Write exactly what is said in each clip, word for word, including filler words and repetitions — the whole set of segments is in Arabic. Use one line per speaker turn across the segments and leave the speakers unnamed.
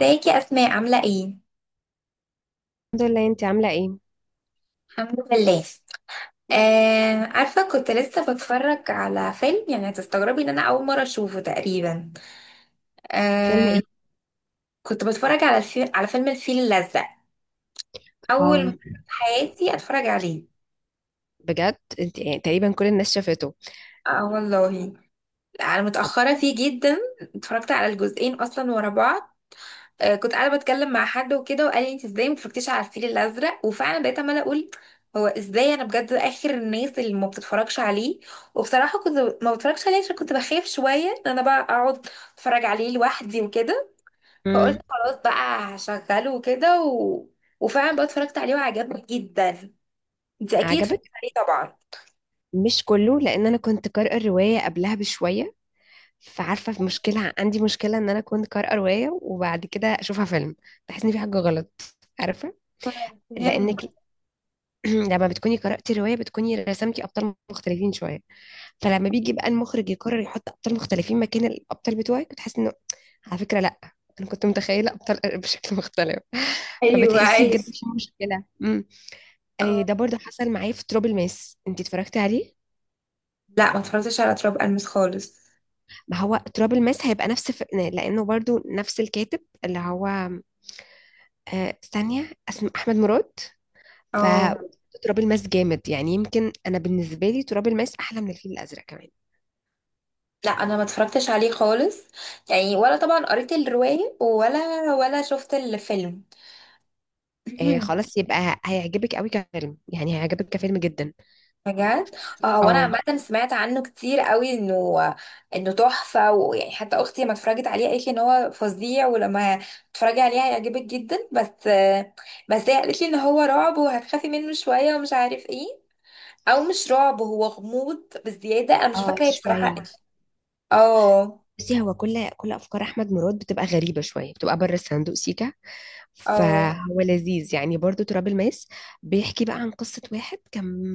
ازيك يا اسماء، عامله ايه؟
الحمد لله، انت عاملة ايه؟
الحمد لله. آه، عارفه كنت لسه بتفرج على فيلم، يعني هتستغربي ان انا اول مره اشوفه تقريبا.
فيلم
آه.
ايه؟
كنت بتفرج على الفيل على فيلم الفيل الازرق. اول مره
اه.
في حياتي اتفرج عليه.
بجد؟ انت يعني تقريبا كل الناس شافته.
اه والله. انا
طب.
متاخره فيه جدا. اتفرجت على الجزئين اصلا ورا بعض. آه، كنت قاعده بتكلم مع حد وكده، وقال لي انت ازاي ما اتفرجتيش على الفيل الازرق، وفعلا بقيت عماله اقول هو ازاي انا بجد اخر الناس اللي ما بتتفرجش عليه. وبصراحه كنت ما بتفرجش عليه عشان كنت بخاف شويه ان انا بقى اقعد اتفرج عليه لوحدي وكده. فقلت
امم.
خلاص بقى هشغله وكده و... وفعلا بقى اتفرجت عليه وعجبني جدا. انت اكيد اتفرجتي
عجبك؟
عليه طبعا.
مش كله، لان انا كنت قارئة الرواية قبلها بشوية. فعارفة في مشكلة، عندي مشكلة ان انا كنت قارئة رواية وبعد كده اشوفها فيلم. بحس ان في حاجة غلط. عارفة؟
مهم.
لانك لما بتكوني قرأتي رواية بتكوني رسمتي ابطال مختلفين شوية. فلما بيجي بقى المخرج يقرر يحط ابطال مختلفين مكان الابطال بتوعك بتحس انه، على فكره لا، انا كنت متخيله ابطال بشكل مختلف
ايوه
فبتحسي
ايوه.
بجد في مشكله. امم. أي
آه،
ده برضه حصل معايا في ترابل ماس، انت اتفرجتي عليه؟
لا، ما اتفرجتش على تراب المس خالص.
ما هو ترابل ماس هيبقى نفس ف... لانه برضه نفس الكاتب، اللي هو آه، ثانيه، اسمه احمد مراد. ف
اه
تراب الماس جامد، يعني يمكن انا بالنسبه لي تراب الماس احلى من الفيل الازرق كمان.
لا، انا ما اتفرجتش عليه خالص، يعني ولا طبعا قريت الرواية ولا ولا شفت الفيلم.
آه خلاص، يبقى هيعجبك قوي كفيلم، يعني هيعجبك كفيلم جدا.
بجد. اه، هو انا
اه
عامه سمعت عنه كتير قوي انه انه تحفه، ويعني حتى اختي لما اتفرجت عليه قالت لي ان هو فظيع، ولما تتفرجي عليه هيعجبك جدا. بس بس هي قالت لي ان هو رعب وهتخافي منه شويه ومش عارف ايه. او مش رعب، هو غموض بزياده، انا مش
اه
فاكره هي بصراحه.
شوية.
اه.
بصي هو كل كل أفكار أحمد مراد بتبقى غريبة شوية، بتبقى بره الصندوق سيكا.
اه
فهو لذيذ يعني برضو، تراب الماس بيحكي بقى عن قصة واحد كان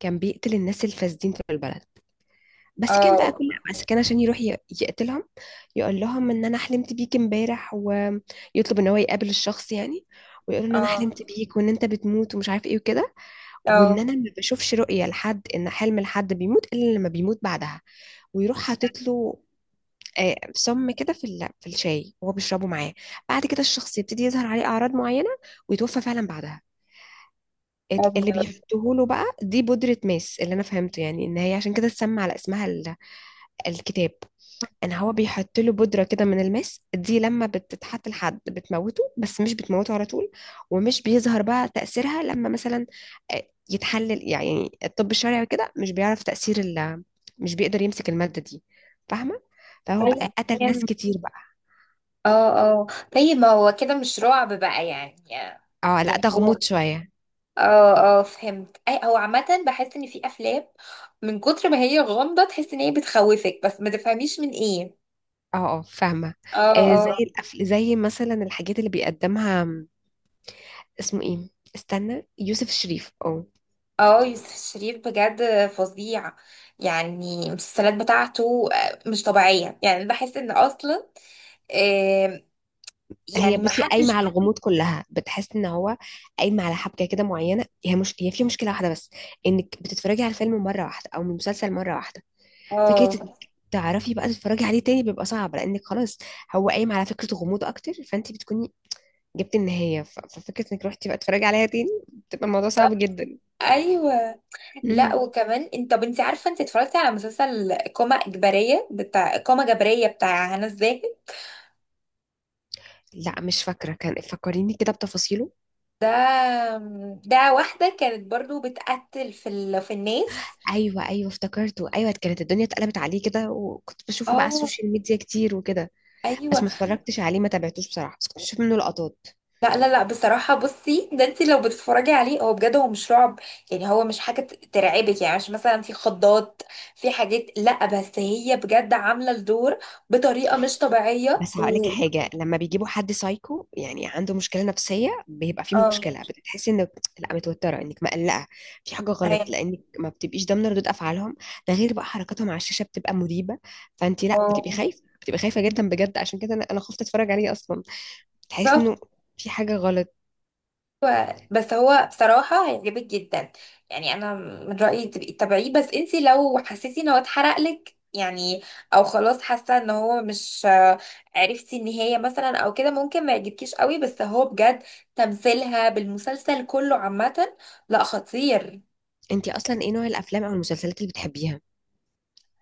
كان بيقتل الناس الفاسدين في البلد. بس كان بقى
اه
كل بس كان عشان يروح ي- يقتلهم. يقول لهم إن أنا حلمت بيك امبارح، ويطلب إن هو يقابل الشخص يعني، ويقول له ان انا
اه
حلمت بيك وان انت بتموت ومش عارف ايه وكده، وان انا
اه.
ما بشوفش رؤيه لحد ان حلم لحد بيموت الا لما بيموت بعدها. ويروح حاطط له آه، سم كده في ال- في الشاي وهو بيشربه معاه. بعد كده الشخص يبتدي يظهر عليه اعراض معينه، ويتوفى فعلا بعدها. ال- اللي
ابيض.
بيحطوه له بقى دي بودره ماس، اللي انا فهمته يعني ان هي عشان كده اتسمى على اسمها ال- الكتاب. ان هو بيحط له بودره كده من الماس دي، لما بتتحط لحد بتموته بس مش بتموته على طول. ومش بيظهر بقى تاثيرها، لما مثلا آه، يتحلل يعني الطب الشرعي وكده، مش بيعرف تاثير ال- مش بيقدر يمسك الماده دي. فاهمه؟ فهو
طيب.
بقى قتل ناس
يعني-
كتير بقى.
اه اه. طيب، ما هو كده مش رعب بقى يعني.
اه لا،
يعني
ده
هو،
غموض شوية.
اه اه فهمت. اي، هو عامة بحس ان في افلام من كتر ما هي غامضة تحس ان هي بتخوفك بس ما تفهميش من ايه.
اه اه فاهمة.
اه
آه زي
اه.
الأفل زي مثلا الحاجات اللي بيقدمها، م، اسمه ايه، استنى، يوسف الشريف، اه.
اه، يوسف الشريف بجد فظيع. يعني المسلسلات بتاعته آه، مش طبيعية، يعني بحس ان اصلا آه،
هي
يعني ما
بصي قايمة
حدش.
على الغموض كلها، بتحس ان هو قايمة على حبكة كده معينة. هي مش هي فيها مشكلة واحدة بس، انك بتتفرجي على الفيلم مرة واحدة او المسلسل مرة واحدة. فكرة
اه.
إنك تعرفي بقى تتفرجي عليه تاني بيبقى صعب، لانك خلاص هو قايم على فكرة غموض اكتر، فانت بتكوني جبت النهاية. ف- ففكرة انك روحتي بقى تتفرجي عليها تاني بتبقى الموضوع صعب
بالظبط.
جدا.
ايوه. لا
مم.
وكمان، انت طب انت عارفه انت اتفرجتي على مسلسل قامه اجباريه بتاع قامه جبريه بتاع هنا الزاهد؟
لا مش فاكرة، كان فكريني كده بتفاصيله.
ده ده واحده كانت برضو بتقتل في ال... في الناس.
ايوه ايوه افتكرته، ايوه كانت الدنيا اتقلبت عليه كده، وكنت بشوفه بقى على
اه
السوشيال ميديا كتير وكده. بس
ايوه.
ما اتفرجتش عليه، ما تابعتوش بصراحة، بس كنت بشوف منه لقطات.
لا لا لا، بصراحه بصي ده انت لو بتتفرجي عليه، هو بجد هو مش رعب، يعني هو مش حاجه ت- ترعبك، يعني مش مثلا في خضات في حاجات، لا بس هي بجد عامله الدور بطريقه مش طبيعيه
بس هقولك
و...
حاجة، لما بيجيبوا حد سايكو، يعني عنده مشكلة نفسية، بيبقى فيه
اه
مشكلة، بتحسي انك لا متوترة، انك مقلقة، في حاجة غلط،
ايوه.
لانك ما بتبقيش ضامنة ردود افعالهم. ده غير بقى حركاتهم على الشاشة بتبقى مريبة. فانت لا بتبقي
اه
خايفة، بتبقي خايفة جدا بجد، عشان كده انا أنا خفت اتفرج عليه اصلا. تحس انه في حاجة غلط.
ايوه بس هو بصراحه هيعجبك جدا. يعني انا من رايي تبقي تتابعيه، بس انتي لو حسيتي ان هو اتحرق لك يعني، او خلاص حاسه ان هو مش آه، عرفتي النهايه مثلا او كده، ممكن ما يعجبكيش قوي، بس هو بجد تمثيلها بالمسلسل كله عامه لا، خطير.
انتي اصلا ايه نوع الافلام او المسلسلات اللي بتحبيها؟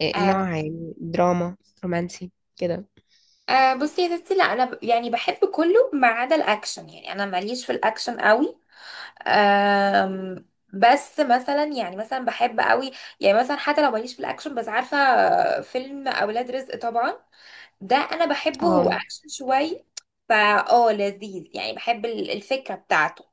إيه
آه
نوع؟ يعني دراما، رومانسي، كده.
آه، بصي يا ستي، لا انا ب- يعني بحب كله ما عدا الاكشن، يعني انا ماليش في الاكشن قوي. أم، بس مثلا، يعني مثلا بحب قوي، يعني مثلا حتى لو ماليش في الاكشن بس عارفه فيلم اولاد رزق طبعا، ده انا بحبه، هو
اه
اكشن شوي. فا، اه لذيذ يعني، بحب ال- الفكره بتاعته.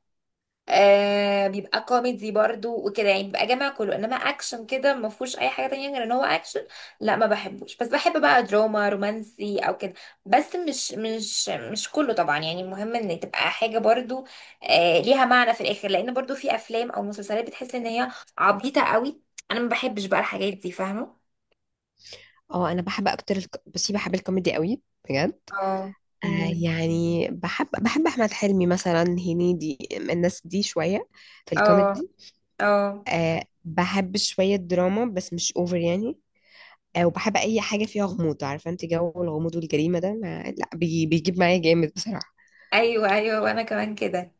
آه بيبقى كوميدي برضو وكده، يعني بيبقى جامع كله، انما اكشن كده ما فيهوش اي حاجه تانية غير ان هو اكشن، لا ما بحبوش. بس بحب بقى دراما رومانسي او كده، بس مش مش مش كله طبعا، يعني المهم ان تبقى حاجه برضو آه ليها معنى في الاخر، لان برضو في افلام او مسلسلات بتحس ان هي عبيطه قوي، انا ما بحبش بقى الحاجات دي، فاهمه.
اه انا بحب اكتر الك... بصي بحب الكوميدي قوي بجد.
اه.
آه
امم.
يعني بحب بحب احمد حلمي مثلا، هنيدي، الناس دي شويه في
اه
الكوميدي.
اه.
آه بحب شويه دراما بس مش اوفر يعني. آه
مم.
وبحب اي حاجه فيها غموض، عارفه انت، جو الغموض والجريمه ده ما... لا بي... بيجيب معايا جامد بصراحه.
ايوه ايوه، وانا كمان كده.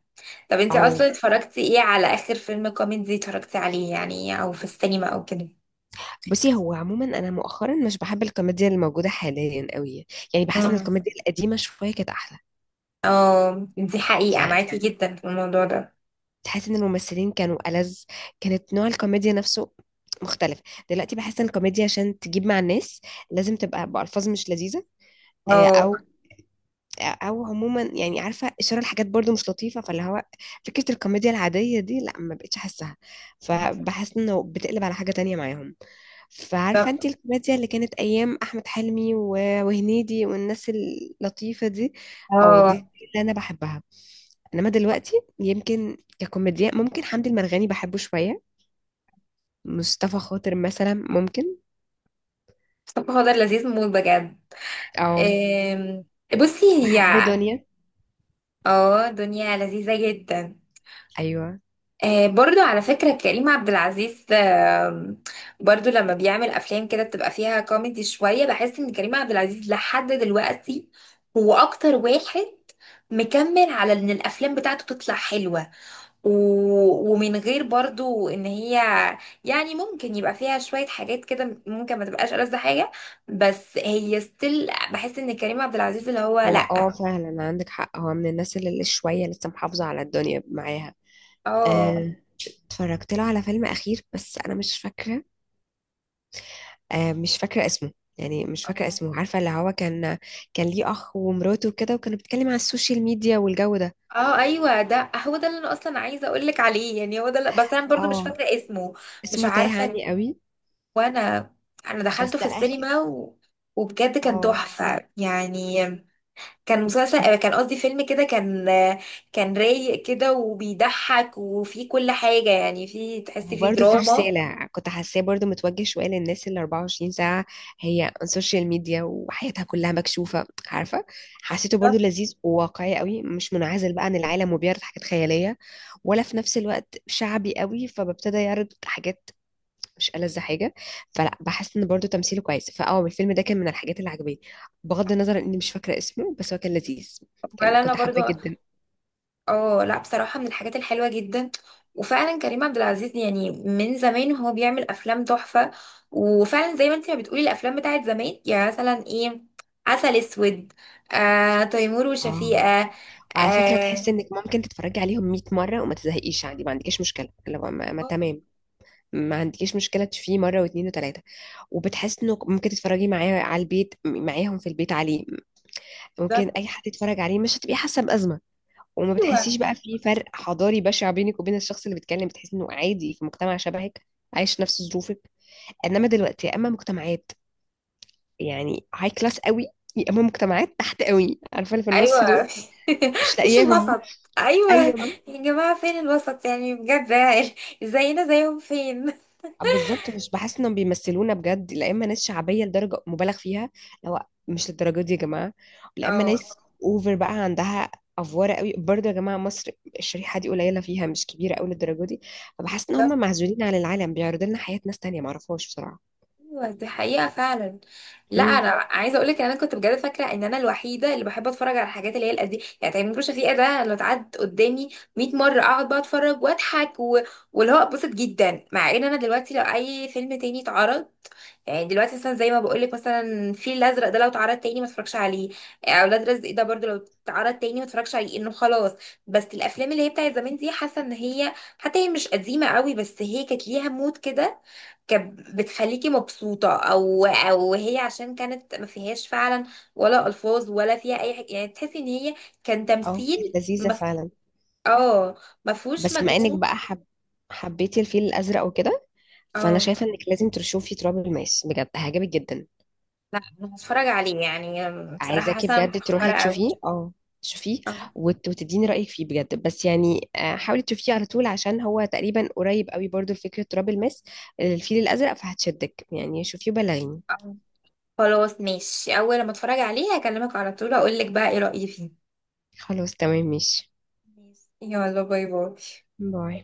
طب انتي
او
اصلا اتفرجتي ايه، على اخر فيلم كوميدي اتفرجتي عليه يعني، او في السينما او كده؟
بصي هو عموما انا مؤخرا مش بحب الكوميديا اللي موجوده حاليا قوي. يعني بحس ان
مم.
الكوميديا القديمه شويه كانت احلى.
اه، دي حقيقة
يعني
معاكي جدا في الموضوع ده.
تحس ان الممثلين كانوا ألذ، كانت نوع الكوميديا نفسه مختلف. دلوقتي بحس ان الكوميديا عشان تجيب مع الناس لازم تبقى بألفاظ مش لذيذه، آه،
اه.
او او عموما يعني، عارفه اشاره لحاجات برضو مش لطيفه. فاللي هو فكره الكوميديا العاديه دي لا، ما بقتش احسها. فبحس انه بتقلب على حاجه تانية معاهم. فعارفة
طب.
انت الكوميديا اللي كانت ايام احمد حلمي و- وهنيدي والناس اللطيفة دي، او
اه.
دي اللي انا بحبها. انما دلوقتي يمكن ككوميديا، ممكن حمدي المرغني بحبه شوية، مصطفى خاطر مثلا ممكن،
طب هو ده لذيذ موت بجد.
او
ام، بصي هي،
بحب دنيا.
اه دنيا لذيذة جدا.
ايوه
آه، برضو على فكرة كريم عبد العزيز، آه، برضو لما بيعمل أفلام كده بتبقى فيها كوميدي شوية، بحس إن كريم عبد العزيز لحد دلوقتي هو أكتر واحد مكمل على إن الأفلام بتاعته تطلع حلوة و... ومن غير برضو إن هي يعني ممكن يبقى فيها شوية حاجات كده، ممكن ما تبقاش ألذ حاجة، بس هي ستيل بحس إن كريم عبد العزيز اللي هو
هو اه
لأ.
فعلا عندك حق، هو من الناس اللي اللي شوية لسه محافظة على الدنيا معاها.
اه
آه، اتفرجت له على فيلم اخير بس انا مش فاكرة، آه، مش فاكرة اسمه، يعني مش فاكرة
آه.
اسمه، عارفة اللي هو كان كان ليه أخ ومراته وكده وكانوا بيتكلم على السوشيال ميديا والجو ده.
اه ايوه، ده هو ده اللي انا اصلا عايزه اقول لك عليه، يعني هو ده اللي- بس انا برضو مش
اه
فاكره اسمه. مش
اسمه تاه
عارفه.
عني قوي.
وانا، انا
بس
دخلته في
ده آخر.
السينما و... وبجد كان
اه
تحفه يعني. كان مسلسل آه، كان قصدي فيلم، كده كان آه، كان رايق كده وبيضحك وفيه كل حاجه، يعني فيه تحسي فيه
وبرده في
دراما.
رسالة كنت حاساه برده متوجه شوية للناس اللي 24 ساعة هي على السوشيال ميديا وحياتها كلها مكشوفة، عارفة. حسيته برده لذيذ وواقعي قوي، مش منعزل بقى عن العالم وبيعرض حاجات خيالية، ولا في نفس الوقت شعبي قوي فببتدى يعرض حاجات مش ألذ حاجة. فلا بحس ان برضو تمثيله كويس، فاه الفيلم ده كان من الحاجات اللي عجباني، بغض النظر اني مش فاكرة اسمه، بس هو كان لذيذ. كان
ولا انا
كنت
برضو.
حابة جدا.
اه لا بصراحة، من الحاجات الحلوة جدا، وفعلا كريم عبد العزيز يعني من زمان وهو بيعمل أفلام تحفة. وفعلا زي ما انت ما بتقولي الأفلام بتاعت زمان، يعني مثلا ايه، عسل أسود، آه تيمور
اه
وشفيقة.
وعلى فكرة تحس
اه.
انك ممكن تتفرجي عليهم 100 مرة وما تزهقيش عادي، ما عندكيش مشكلة لو ما, ما
آه.
تمام. ما عندكيش مشكلة تشوفيه مرة واثنين وثلاثة. وبتحس انه ممكن تتفرجي معاه على البيت، معاهم في البيت عليه، ممكن
بالظبط.
اي حد يتفرج عليه، مش هتبقي حاسة بأزمة. وما
ايوه
بتحسيش بقى في فرق حضاري بشع بينك وبين الشخص اللي بيتكلم، بتحس انه عادي في مجتمع شبهك، عايش نفس ظروفك. انما دلوقتي يا اما مجتمعات يعني هاي كلاس قوي، يا اما مجتمعات تحت قوي، عارفه اللي في النص دول
ايوه.
مش
مفيش
لاقياهم.
الوسط، ايوه.
ايوه
يا جماعة فين الوسط؟ يعني بجد ازينا زيهم فين؟
بالظبط، مش بحس انهم بيمثلونا بجد، لا اما ناس شعبيه لدرجه مبالغ فيها، لو مش للدرجه دي يا جماعه، لا اما
اه
ناس اوفر بقى عندها افواره قوي، برضه يا جماعه مصر الشريحه دي قليله فيها، مش كبيره قوي للدرجه دي. فبحس ان هم معزولين عن العالم، بيعرضوا لنا حياه ناس تانية معرفهاش بصراحه.
ايوه، دي حقيقة فعلا. لا
امم.
انا عايزة اقولك ان انا كنت بجد فاكرة ان انا الوحيدة اللي بحب اتفرج على الحاجات اللي هي القديمة، يعني تامر شفيقة ده لو اتعد قدامي 100 مرة اقعد بقى اتفرج واضحك و... واللي هو اتبسط جدا، مع ان انا دلوقتي لو اي فيلم تاني اتعرض، يعني دلوقتي مثلا زي ما بقولك، مثلا الفيل الازرق ده لو اتعرض تاني ما اتفرجش عليه، اولاد رزق ده برضو لو اتعرض تاني ما اتفرجش عليه، انه خلاص. بس الافلام اللي هي بتاعت زمان دي حاسة ان هي، حتى هي مش قديمة قوي، بس هي كانت ليها مود كده، كانت بتخليكي مبسوطة، او او هي عشان كانت ما فيهاش فعلا ولا الفاظ ولا فيها اي حاجة، يعني تحسي ان هي كان
اه
تمثيل.
كانت لذيذه
مف...
فعلا.
اه. ما فيهوش
بس بما انك
مجهود.
بقى حب حبيتي الفيل الازرق وكده، فانا
اه
شايفه انك لازم تشوفي تراب الماس، بجد هيعجبك جدا.
لا انا هتفرج عليه يعني، بصراحة
عايزاكي
حاسة أنا
بجد
متأخرة
تروحي
اوي.
تشوفيه، اه تشوفيه
آه،
وت- وتديني رايك فيه بجد، بس يعني آه، حاولي تشوفيه على طول عشان هو تقريبا قريب قوي برضو لفكره تراب الماس الفيل الازرق، فهتشدك يعني، شوفيه وبلغيني.
آه. خلاص ماشي، اول لما اتفرج عليه هكلمك على طول اقول لك بقى ايه رأيي فيه.
خلاص تمام ماشي.
ماشي يلا، باي باي.
باي.